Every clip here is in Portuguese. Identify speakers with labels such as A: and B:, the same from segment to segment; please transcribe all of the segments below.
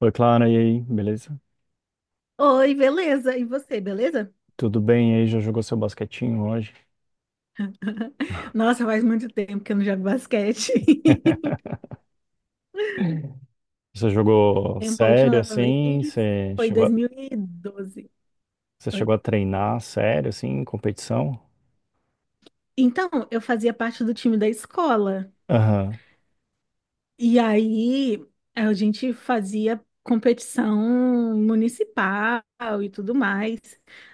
A: Oi, Clara, e aí, beleza?
B: Oi, beleza? E você, beleza?
A: Tudo bem? E aí, já jogou seu basquetinho hoje?
B: Nossa, faz muito tempo que eu não jogo basquete.
A: Você jogou
B: Tempo, a
A: sério,
B: última
A: assim?
B: vez foi em 2012.
A: Você chegou
B: Oi?
A: a treinar sério, assim, em competição?
B: Então, eu fazia parte do time da escola.
A: Aham,
B: E aí, a gente fazia competição municipal e tudo mais.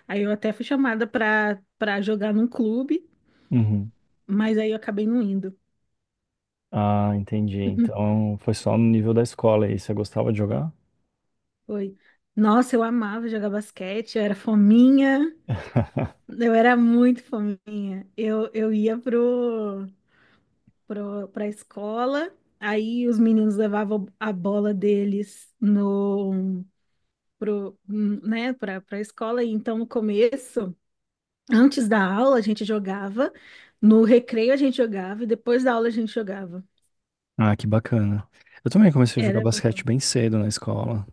B: Aí eu até fui chamada para jogar num clube,
A: uhum.
B: mas aí eu acabei não indo.
A: Ah, entendi. Então, foi só no nível da escola aí. Você gostava de jogar?
B: Foi. Nossa, eu amava jogar basquete, eu era fominha. Eu era muito fominha. Eu ia pra escola, aí os meninos levavam a bola deles no, pro, né, pra escola. E então, no começo, antes da aula, a gente jogava, no recreio a gente jogava, e depois da aula a gente jogava.
A: Ah, que bacana. Eu também comecei a jogar
B: Era...
A: basquete bem cedo na escola.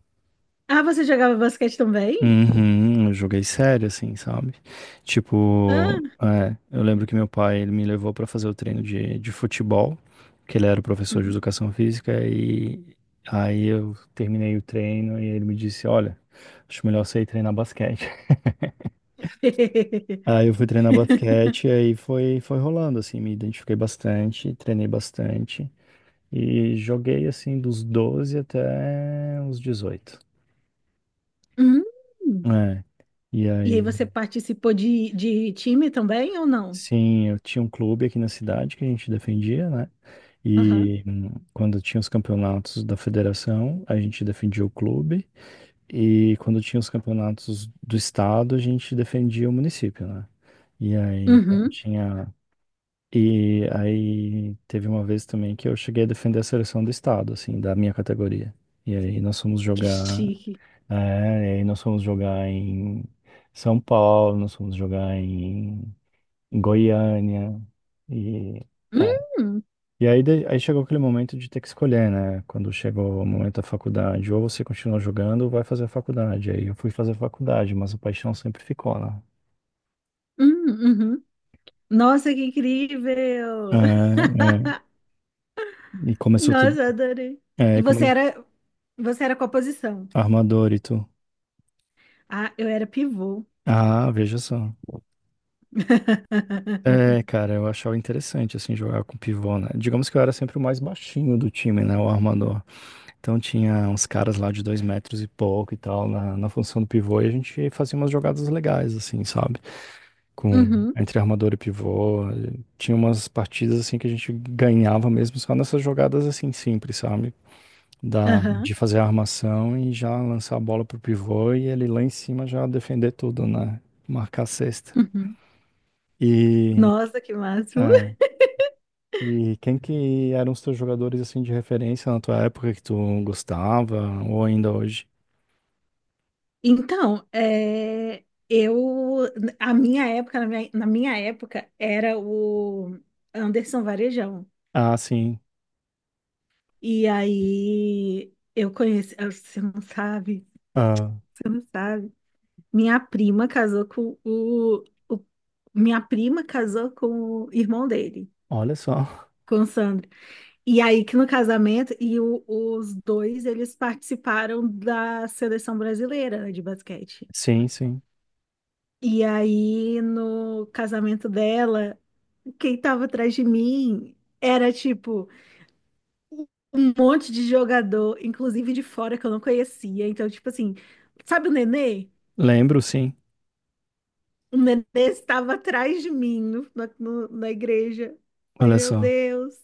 B: Ah, você jogava basquete também?
A: Uhum, eu joguei sério, assim, sabe? Tipo,
B: Ah,
A: eu lembro que meu pai, ele me levou pra fazer o treino de futebol, que ele era o professor de
B: uhum.
A: educação física, e aí eu terminei o treino e ele me disse, olha, acho melhor você ir treinar basquete. Aí eu fui treinar basquete e aí foi, foi rolando, assim, me identifiquei bastante, treinei bastante e joguei, assim, dos 12 até os 18.
B: Hum.
A: É, e
B: E aí
A: aí...
B: você participou de time também ou não?
A: Sim, eu tinha um clube aqui na cidade que a gente defendia, né?
B: Aham.
A: E quando tinha os campeonatos da federação, a gente defendia o clube. E quando tinha os campeonatos do estado, a gente defendia o município, né? E aí, então,
B: Uhum.
A: tinha. E aí, teve uma vez também que eu cheguei a defender a seleção do estado, assim, da minha categoria. E aí, nós fomos
B: Que
A: jogar.
B: chique.
A: É, e aí, nós fomos jogar em São Paulo, nós fomos jogar em Goiânia. E, é.
B: Hum,
A: E aí, aí chegou aquele momento de ter que escolher, né? Quando chegou o momento da faculdade, ou você continua jogando ou vai fazer a faculdade. Aí eu fui fazer a faculdade, mas a paixão sempre ficou lá.
B: hum, uhum. Nossa, que
A: É,
B: incrível!
A: é. E começou tudo.
B: Nossa, adorei. E
A: É,
B: você
A: come...
B: era, você era qual posição?
A: Armador e tu.
B: Ah, eu era pivô.
A: Ah, veja só. É, cara, eu achava interessante, assim, jogar com pivô, né? Digamos que eu era sempre o mais baixinho do time, né? O armador. Então tinha uns caras lá de 2 metros e pouco e tal na função do pivô e a gente fazia umas jogadas legais, assim, sabe? Com
B: Uhum,
A: entre armador e pivô. E tinha umas partidas assim que a gente ganhava mesmo só nessas jogadas assim simples, sabe?
B: aham,
A: De fazer a armação e já lançar a bola pro pivô e ele lá em cima já defender tudo, né? Marcar a cesta.
B: uhum.
A: E,
B: Nossa, que máximo.
A: é, e quem que eram os teus jogadores assim de referência na tua época que tu gostava ou ainda hoje?
B: Então, a minha época, na minha época, era o Anderson Varejão.
A: Ah, sim.
B: E aí, eu conheci, ah, você não sabe,
A: Ah,
B: você não sabe. Minha prima casou com o, o- Minha prima casou com o irmão dele,
A: olha só.
B: com o Sandro. E aí que no casamento, os dois, eles participaram da seleção brasileira, né, de basquete.
A: Sim, sim.
B: E aí no casamento dela, quem tava atrás de mim era tipo um monte de jogador, inclusive de fora que eu não conhecia. Então, tipo assim, sabe o Nenê?
A: Lembro, sim.
B: O nenê estava atrás de mim na igreja. Falei,
A: Olha
B: meu
A: só.
B: Deus,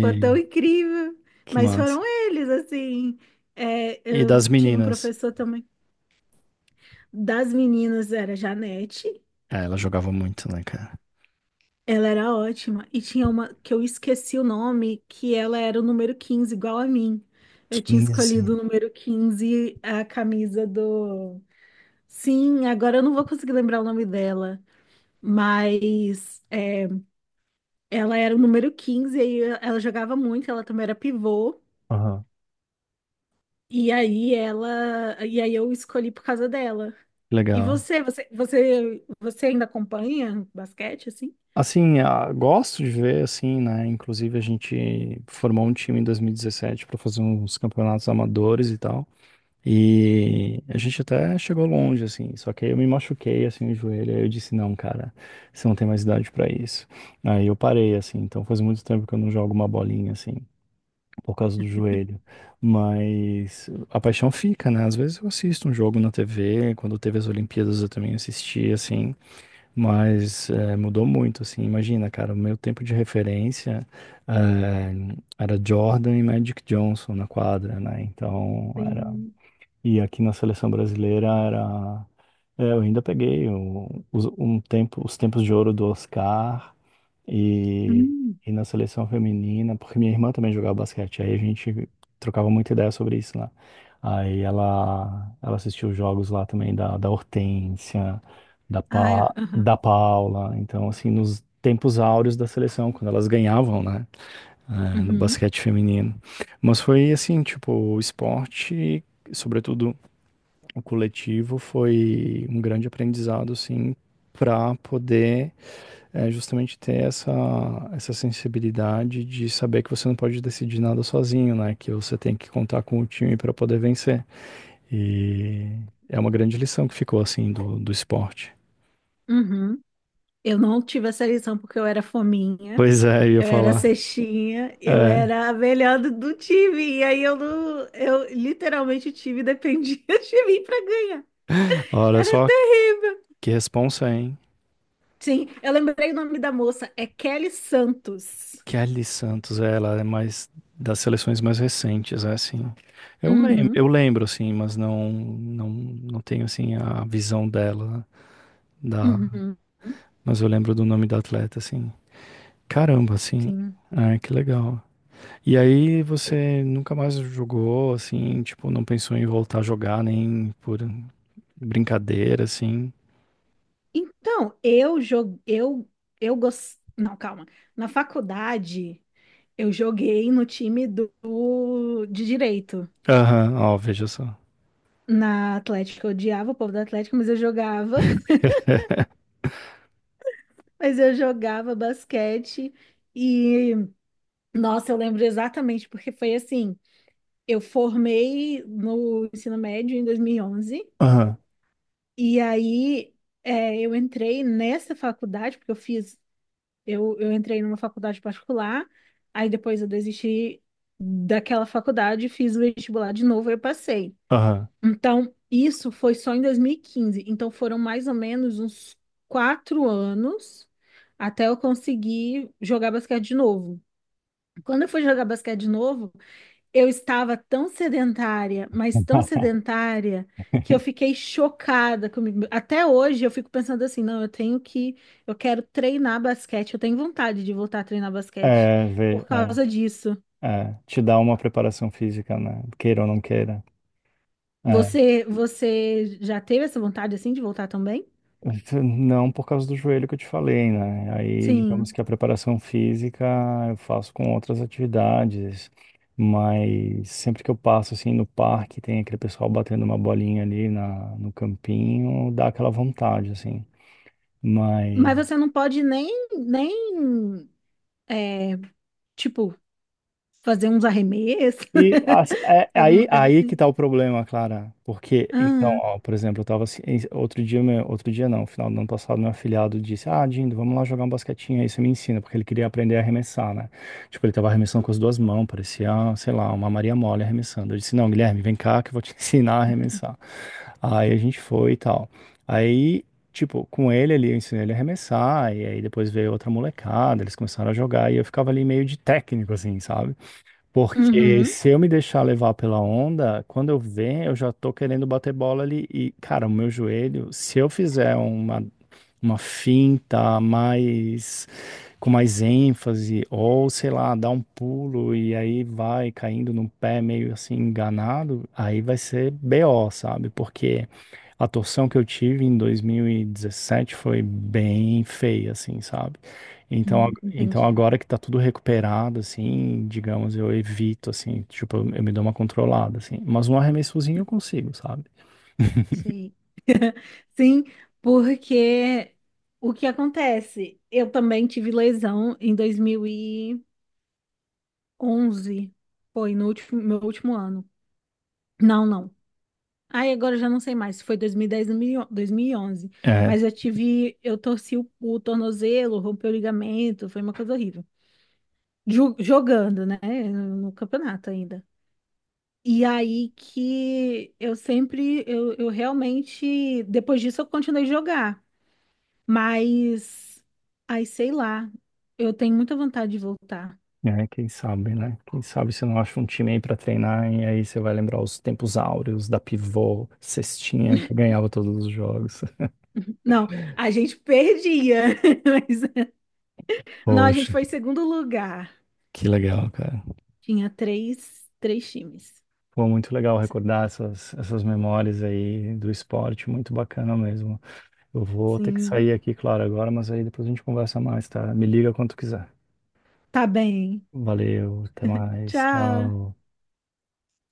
B: foi tão incrível.
A: que
B: Mas
A: massa.
B: foram eles, assim. É,
A: E
B: eu
A: das
B: tinha um
A: meninas?
B: professor também. Das meninas era Janete.
A: É, ela jogava muito, né, cara?
B: Ela era ótima. E tinha uma que eu esqueci o nome, que ela era o número 15 igual a mim. Eu tinha
A: Quinze.
B: escolhido o número 15 a camisa do. Sim, agora eu não vou conseguir lembrar o nome dela. Mas. Ela era o número 15, aí ela jogava muito, ela também era pivô.
A: Aham.
B: E aí eu escolhi por causa dela. E
A: Legal.
B: você ainda acompanha basquete assim?
A: Assim, ah, gosto de ver, assim, né? Inclusive, a gente formou um time em 2017 para fazer uns campeonatos amadores e tal. E a gente até chegou longe, assim, só que aí eu me machuquei, assim, o joelho, aí eu disse, não, cara, você não tem mais idade pra isso. Aí eu parei, assim, então faz muito tempo que eu não jogo uma bolinha, assim, por causa do joelho. Mas a paixão fica, né? Às vezes eu assisto um jogo na TV, quando teve as Olimpíadas eu também assisti, assim, mas mudou muito, assim, imagina, cara, o meu tempo de referência eh, era Jordan e Magic Johnson na quadra, né? Então, era
B: Sim.
A: e aqui na seleção brasileira era. É, eu ainda peguei um tempo, os tempos de ouro do Oscar e,
B: Hum.
A: e na seleção feminina, porque minha irmã também jogava basquete, aí a gente trocava muita ideia sobre isso lá. Aí ela assistiu os jogos lá também da Hortência,
B: Ah, é, aham.
A: da Paula. Então, assim, nos tempos áureos da seleção, quando elas ganhavam, né? No
B: Uhum,
A: basquete feminino. Mas foi assim, tipo, o esporte, sobretudo o coletivo foi um grande aprendizado, assim, para poder justamente ter essa, essa sensibilidade de saber que você não pode decidir nada sozinho, né? Que você tem que contar com o time para poder vencer. E é uma grande lição que ficou, assim, do esporte.
B: uhum. Eu não tive essa lição porque eu era fominha,
A: Pois é, eu ia
B: eu era
A: falar.
B: cestinha, eu
A: É,
B: era a melhor do time. E aí eu não, eu literalmente o time dependia de mim para ganhar.
A: olha
B: Era
A: só
B: terrível.
A: que responsa, hein?
B: Sim, eu lembrei o nome da moça, é Kelly Santos.
A: Kelly Santos, é, ela é mais das seleções mais recentes, é assim.
B: Uhum,
A: Eu lembro assim, mas não tenho assim a visão dela da,
B: uhum,
A: mas eu lembro do nome da atleta assim. Caramba, assim.
B: sim.
A: Ah, que legal. E aí você nunca mais jogou assim, tipo, não pensou em voltar a jogar nem por brincadeira assim?
B: Então, eu joguei, não, calma. Na faculdade, eu joguei no time de direito.
A: Aham, ó, veja só.
B: Na Atlética, eu odiava o povo da Atlética, mas eu jogava. Mas eu jogava basquete e, nossa, eu lembro exatamente, porque foi assim, eu formei no ensino médio em 2011.
A: Aham,
B: E aí eu entrei nessa faculdade, porque eu fiz, eu entrei numa faculdade particular, aí depois eu desisti daquela faculdade, fiz o vestibular de novo e eu passei.
A: aham.
B: Então, isso foi só em 2015. Então, foram mais ou menos uns 4 anos até eu conseguir jogar basquete de novo. Quando eu fui jogar basquete de novo, eu estava tão sedentária, mas tão sedentária, que eu fiquei chocada comigo. Até hoje eu fico pensando assim, não, eu tenho que, eu quero treinar basquete, eu tenho vontade de voltar a treinar basquete
A: É, vê,
B: por
A: é.
B: causa disso.
A: É, te dá uma preparação física, né? Queira ou não queira. É,
B: Você já teve essa vontade assim de voltar também?
A: não por causa do joelho que eu te falei, né? Aí, digamos
B: Sim.
A: que a preparação física eu faço com outras atividades, mas sempre que eu passo assim no parque, tem aquele pessoal batendo uma bolinha ali no campinho, dá aquela vontade, assim. Mas
B: Mas você não pode nem, é, tipo, fazer uns arremessos,
A: e é aí,
B: alguma coisa
A: aí que
B: assim.
A: tá o problema, Clara. Porque, então,
B: Ah,
A: ó, por exemplo, eu tava assim, outro dia, meu, outro dia não, final do ano passado, meu afilhado disse, ah, Dindo, vamos lá jogar um basquetinho aí, você me ensina, porque ele queria aprender a arremessar, né? Tipo, ele tava arremessando com as duas mãos, parecia, sei lá, uma Maria Mole arremessando. Eu disse, não, Guilherme, vem cá que eu vou te ensinar a arremessar. Aí a gente foi e tal. Aí, tipo, com ele ali, eu ensinei ele a arremessar, e aí depois veio outra molecada, eles começaram a jogar, e eu ficava ali meio de técnico, assim, sabe? Porque
B: uhum.
A: se eu me deixar levar pela onda, quando eu ver, eu já tô querendo bater bola ali. E, cara, o meu joelho, se eu fizer uma finta mais com mais ênfase, ou sei lá, dá um pulo e aí vai caindo no pé meio assim enganado, aí vai ser BO, sabe? Porque a torção que eu tive em 2017 foi bem feia, assim, sabe? Então, então
B: Entendi.
A: agora que tá tudo recuperado, assim, digamos, eu evito, assim, tipo, eu me dou uma controlada, assim. Mas um arremessozinho eu consigo, sabe?
B: Sei. Sim, porque o que acontece? Eu também tive lesão em 2011. Foi no último, meu último ano. Não, não. Aí agora eu já não sei mais se foi 2010 ou 2011.
A: É,
B: Mas eu tive, eu torci o tornozelo, rompeu o ligamento, foi uma coisa horrível. Jogando, né, no campeonato ainda. E aí que eu sempre, eu realmente, depois disso eu continuei a jogar. Mas, ai, sei lá, eu tenho muita vontade de voltar.
A: é, quem sabe, né? Quem sabe você não acha um time aí pra treinar e aí você vai lembrar os tempos áureos da pivô, cestinha, que ganhava todos os jogos.
B: Não, a gente perdia, mas não, a gente
A: Poxa,
B: foi em segundo lugar.
A: que legal, cara.
B: Tinha três times.
A: Pô, muito legal recordar essas, essas memórias aí do esporte, muito bacana mesmo. Eu vou ter que
B: Sim,
A: sair aqui, claro, agora, mas aí depois a gente conversa mais, tá? Me liga quando quiser.
B: tá bem.
A: Valeu, até mais,
B: Tchau.
A: tchau.